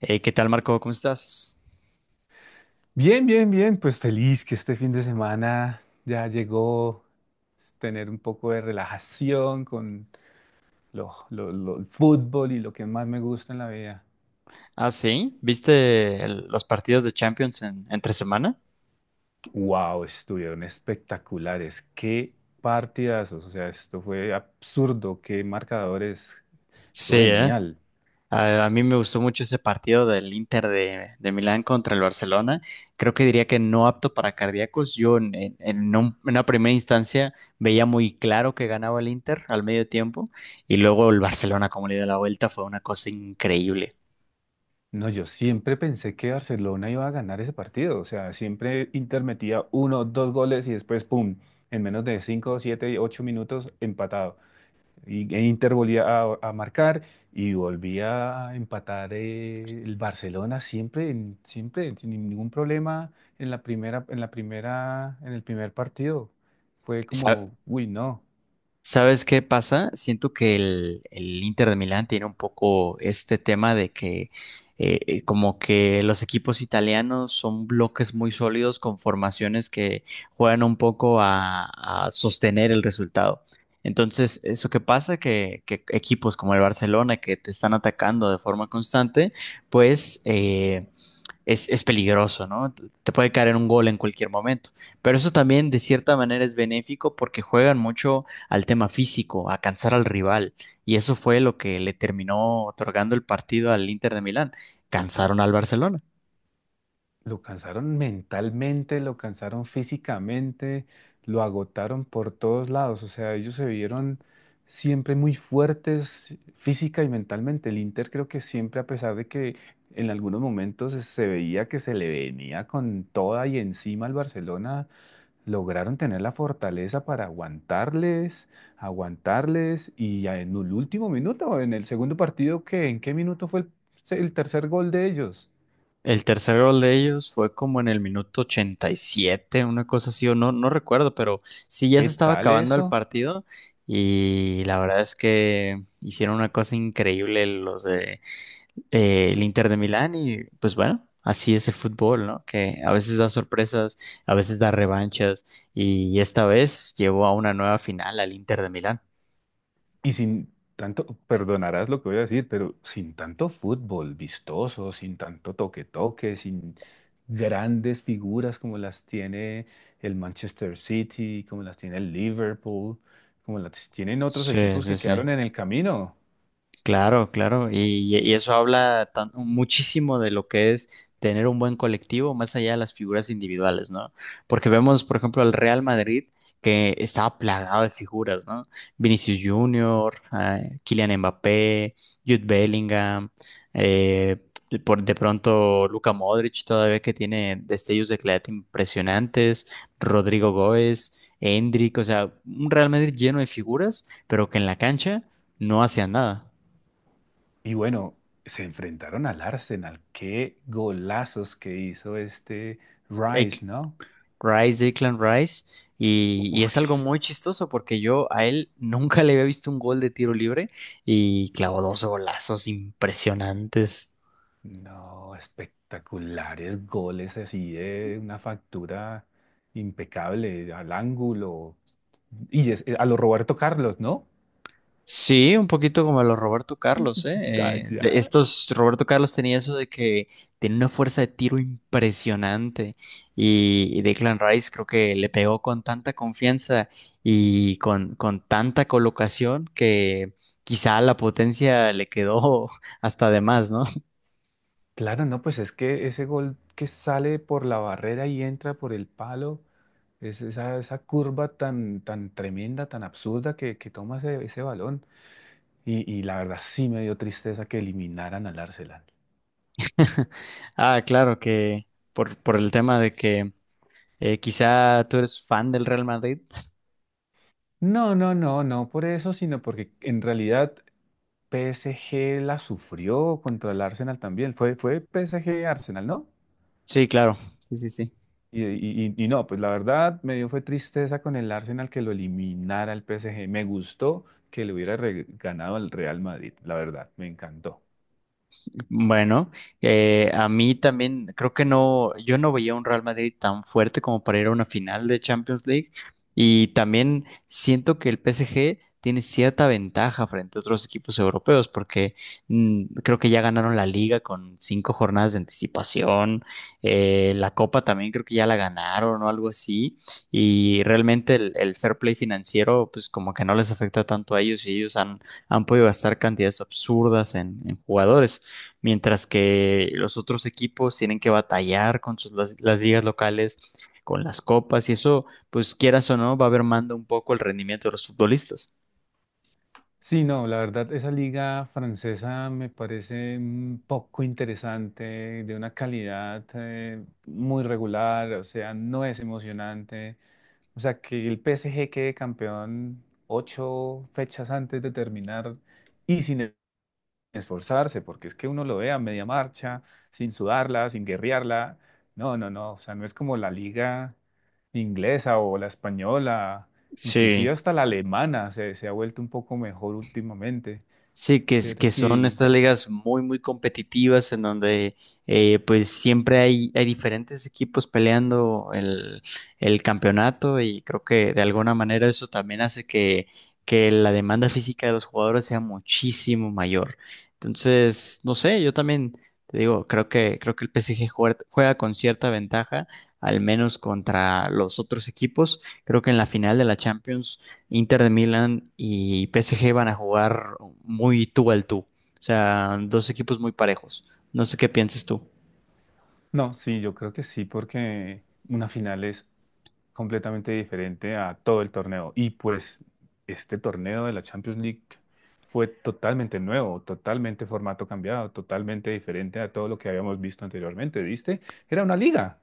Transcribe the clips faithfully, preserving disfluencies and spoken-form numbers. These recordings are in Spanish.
Eh, ¿qué tal, Marco? ¿Cómo estás? Bien, bien, bien, pues feliz que este fin de semana ya llegó s- tener un poco de relajación con lo, lo- lo- el fútbol y lo que más me gusta en la vida. Ah, sí. ¿Viste el- los partidos de Champions en, entre semana? Wow, estuvieron espectaculares, qué partidazos, o sea, esto fue absurdo, qué marcadores, Sí, estuvo ¿eh? genial. A, a mí me gustó mucho ese partido del Inter de, de Milán contra el Barcelona. Creo que diría que no apto para cardíacos. Yo en, en- en un- en una primera instancia veía muy claro que ganaba el Inter al medio tiempo y luego el Barcelona como le dio la vuelta fue una cosa increíble. No, yo siempre pensé que Barcelona iba a ganar ese partido, o sea, siempre Inter metía uno, dos goles y después, ¡pum!, en menos de cinco, siete, ocho minutos empatado. Y, e Inter volvía a, a marcar y volvía a empatar eh, el Barcelona siempre, en- siempre, sin ningún problema en la primera, en la primera, en el primer partido. Fue como, uy, no. ¿Sabes qué pasa? Siento que el, el Inter de Milán tiene un poco este tema de que eh, eh, como que los equipos italianos son bloques muy sólidos con formaciones que juegan un poco a, a sostener el resultado. Entonces, eso que pasa, que, que equipos como el Barcelona que te están atacando de forma constante, pues... eh, es, es peligroso, ¿no? Te puede caer un gol en cualquier momento. Pero eso también de cierta manera es benéfico porque juegan mucho al tema físico, a cansar al rival. Y eso fue lo que le terminó otorgando el partido al Inter de Milán. Cansaron al Barcelona. Lo cansaron mentalmente, lo cansaron físicamente, lo agotaron por todos lados. O sea, ellos se vieron siempre muy fuertes física y mentalmente. El Inter creo que siempre, a pesar de que en algunos momentos se veía que se le venía con toda y encima al Barcelona, lograron tener la fortaleza para aguantarles, aguantarles y ya en el último minuto, en el segundo partido, ¿qué? ¿En qué minuto fue el el tercer gol de ellos? El tercer gol de ellos fue como en el minuto ochenta y siete, una cosa así, o no, no recuerdo, pero sí ya ¿Qué se estaba tal acabando el eso? partido y la verdad es que hicieron una cosa increíble los de eh, el Inter de Milán y pues bueno, así es el fútbol, ¿no? Que a veces da sorpresas, a veces da revanchas y esta vez llevó a una nueva final al Inter de Milán. Y sin tanto, perdonarás lo que voy a decir, pero sin tanto fútbol vistoso, sin tanto toque-toque, sin grandes figuras como las tiene el Manchester City, como las tiene el Liverpool, como las tienen otros Sí, equipos sí, que sí. quedaron en el camino. Claro, claro, y, y eso habla tan- muchísimo de lo que es tener un buen colectivo más allá de las figuras individuales, ¿no? Porque vemos, por ejemplo, al Real Madrid que estaba plagado de figuras, ¿no? Vinicius Junior, eh, Kylian Mbappé, Jude Bellingham, eh, por de pronto Luka Modric todavía que tiene destellos de claridad impresionantes, Rodrigo Góez, Endrick, o sea, un Real Madrid lleno de figuras, pero que en la cancha no hacían nada. Y bueno, se enfrentaron al Arsenal. Qué golazos que hizo este Ek- Rice, ¿no? Rice, Declan Rice, y, y Uf. es algo muy chistoso porque yo a él nunca le había visto un gol de tiro libre y clavó dos golazos impresionantes. No, espectaculares goles así de una factura impecable al ángulo y es- eh, a lo Roberto Carlos, ¿no? Sí, un poquito como los Roberto Carlos, ¿eh? Eh, de Allá. estos, Roberto Carlos tenía eso de que tenía una fuerza de tiro impresionante y, y Declan Rice creo que le pegó con tanta confianza y con, con tanta colocación que quizá la potencia le quedó hasta de más, ¿no? Claro, no, pues es que ese gol que sale por la barrera y entra por el palo, es esa, esa, curva tan, tan tremenda, tan absurda que, que toma ese, ese balón. Y, y la verdad sí me dio tristeza que eliminaran al Arsenal. Ah, claro que por, por el tema de que eh, quizá tú eres fan del Real Madrid. No, no, no, no por eso, sino porque en realidad P S G la sufrió contra el Arsenal también. Fue, fue P S G-Arsenal, ¿no? Sí, claro. Sí, sí, sí. Y, y- y- y no, pues la verdad me dio fue tristeza con el Arsenal que lo eliminara el P S G. Me gustó que le hubiera re- ganado al Real Madrid, la verdad, me encantó. Bueno, eh, a mí también creo que no, yo no veía un Real Madrid tan fuerte como para ir a una final de Champions League y también siento que el P S G tiene cierta ventaja frente a otros equipos europeos porque mm, creo que ya ganaron la liga con cinco jornadas de anticipación, eh, la copa también creo que ya la ganaron o algo así y realmente el, el fair play financiero pues como que no les afecta tanto a ellos y ellos han, han podido gastar cantidades absurdas en en jugadores mientras que los otros equipos tienen que batallar con sus, las, las ligas locales, con las copas, y eso, pues quieras o no, va mermando un poco el rendimiento de los futbolistas. Sí, no, la verdad, esa liga francesa me parece mm, poco interesante, de una calidad eh, muy regular, o sea, no es emocionante. O sea, que el P S G quede campeón ocho fechas antes de terminar y sin esforzarse, porque es que uno lo ve a media marcha, sin sudarla, sin guerrearla. No, no, no. O sea, no es como la liga inglesa o la española, inclusive Sí. hasta la alemana se, se ha vuelto un poco mejor últimamente. Sí, que, es- Pero que son sí, estas ligas muy, muy competitivas en donde eh, pues siempre hay, hay diferentes equipos peleando el, el campeonato y creo que de alguna manera eso también hace que, que la demanda física de los jugadores sea muchísimo mayor. Entonces, no sé, yo también te digo, creo que, creo que el P S G juega, juega con cierta ventaja, al menos contra los otros equipos. Creo que en la final de la Champions Inter de Milán y P S G van a jugar muy tú al tú. O sea, dos equipos muy parejos. No sé qué pienses tú. no, sí, yo creo que sí, porque una final es completamente diferente a todo el torneo. Y pues este torneo de la Champions League fue totalmente nuevo, totalmente formato cambiado, totalmente diferente a todo lo que habíamos visto anteriormente, ¿viste? Era una liga.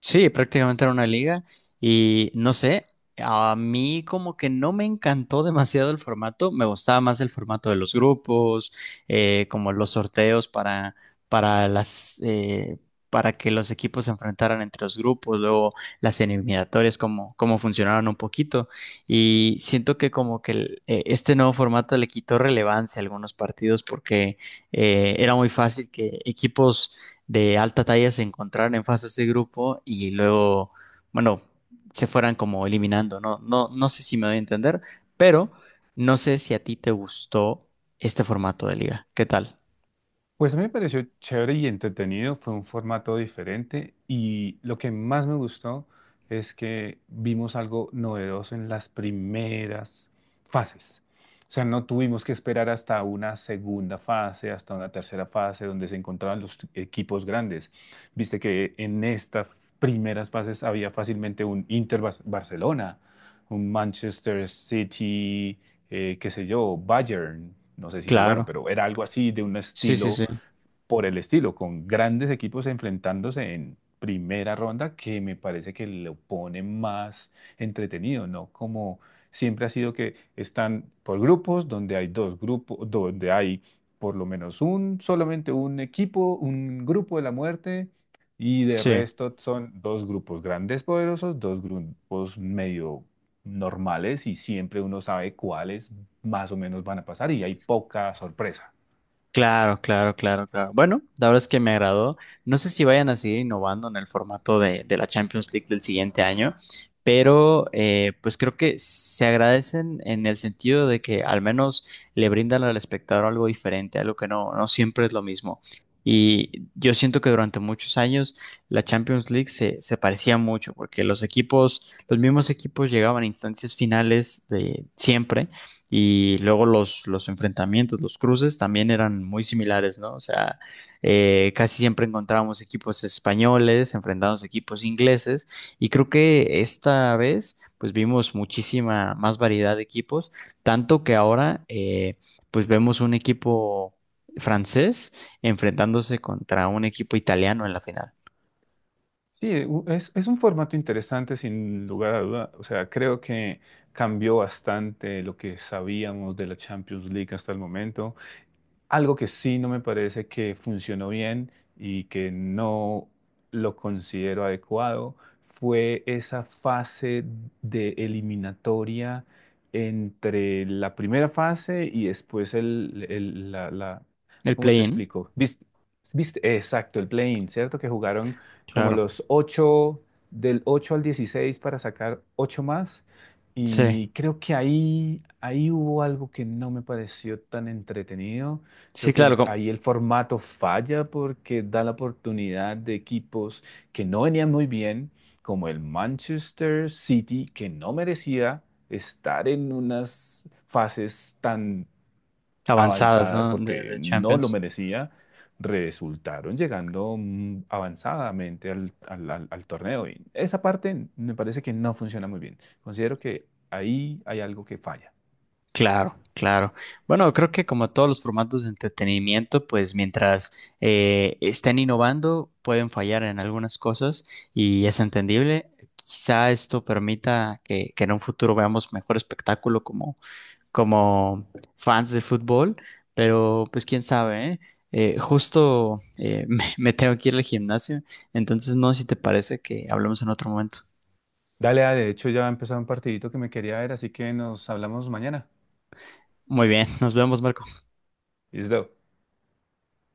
Sí, prácticamente era una liga y no sé, a mí como que no me encantó demasiado el formato, me gustaba más el formato de los grupos, eh, como los sorteos para, para las, eh, para que los equipos se enfrentaran entre los grupos, luego las eliminatorias, como cómo funcionaron un poquito y siento que como que el- eh, este nuevo formato le quitó relevancia a algunos partidos porque eh, era muy fácil que equipos de alta talla se encontraran en fases de grupo y luego, bueno, se fueran como eliminando, ¿no? No, no sé si me doy a entender, pero no sé si a ti te gustó este formato de liga. ¿Qué tal? Pues a mí me pareció chévere y entretenido, fue un formato diferente y lo que más me gustó es que vimos algo novedoso en las primeras fases. O sea, no tuvimos que esperar hasta una segunda fase, hasta una tercera fase donde se encontraban los equipos grandes. Viste que en estas primeras fases había fácilmente un Inter Bar- Barcelona, un Manchester City, eh, qué sé yo, Bayern. No sé si jugaron, Claro. pero era algo así de un Sí, sí, estilo sí. por el estilo, con grandes equipos enfrentándose en primera ronda, que me parece que lo pone más entretenido, ¿no? Como siempre ha sido que están por grupos, donde hay dos grupos, donde hay por lo menos un, solamente un equipo, un grupo de la muerte, y de Sí. resto son dos grupos grandes poderosos, dos grupos medio normales, y siempre uno sabe cuáles más o menos van a pasar, y hay poca sorpresa. Claro, claro, claro, claro. Bueno, la verdad es que me agradó. No sé si vayan a seguir innovando en el formato de, de la Champions League del siguiente año, pero eh, pues creo que se agradecen en el sentido de que al menos le brindan al espectador algo diferente, algo que no, no siempre es lo mismo. Y yo siento que durante muchos años la Champions League se, se parecía mucho, porque los equipos, los mismos equipos llegaban a instancias finales de siempre y luego los, los enfrentamientos, los cruces también eran muy similares, ¿no? O sea, eh, casi siempre encontrábamos equipos españoles, enfrentados a equipos ingleses y creo que esta vez pues vimos muchísima más variedad de equipos, tanto que ahora eh, pues vemos un equipo francés enfrentándose contra un equipo italiano en la final. Sí, u- es, es un formato interesante sin lugar a duda. O sea, creo que cambió bastante lo que sabíamos de la Champions League hasta el momento. Algo que sí no me parece que funcionó bien y que no lo considero adecuado fue esa fase de eliminatoria entre la primera fase y después el, el- la, la- El ¿cómo te play-in, explico? ¿Viste? ¿Viste? Exacto, el play-in, ¿cierto? Que jugaron como claro. los ocho del ocho al dieciséis para sacar ocho más. Sí, Y creo que ahí, ahí hubo algo que no me pareció tan entretenido. sí, Creo que claro, como ahí el formato falla porque da la oportunidad de equipos que no venían muy bien, como el Manchester City, que no merecía estar en unas fases tan avanzadas, avanzadas ¿no? De, porque de no lo Champions. merecía, resultaron llegando mm, avanzadamente al, al- al- al torneo. Y esa parte me parece que no funciona muy bien. Considero que ahí hay algo que falla. Claro, claro. Bueno, creo que como todos los formatos de entretenimiento, pues mientras eh, estén innovando, pueden fallar en algunas cosas y es entendible. Quizá esto permita que, que en un futuro veamos mejor espectáculo como, como fans de fútbol, pero pues quién sabe, ¿eh? Eh, justo eh, me, me tengo que ir al gimnasio, entonces no sé si te parece que hablemos en otro momento. Dale, dale, de hecho ya empezó un partidito que me quería ver, así que nos hablamos mañana. Muy bien, nos vemos, Marco. ¿Listo?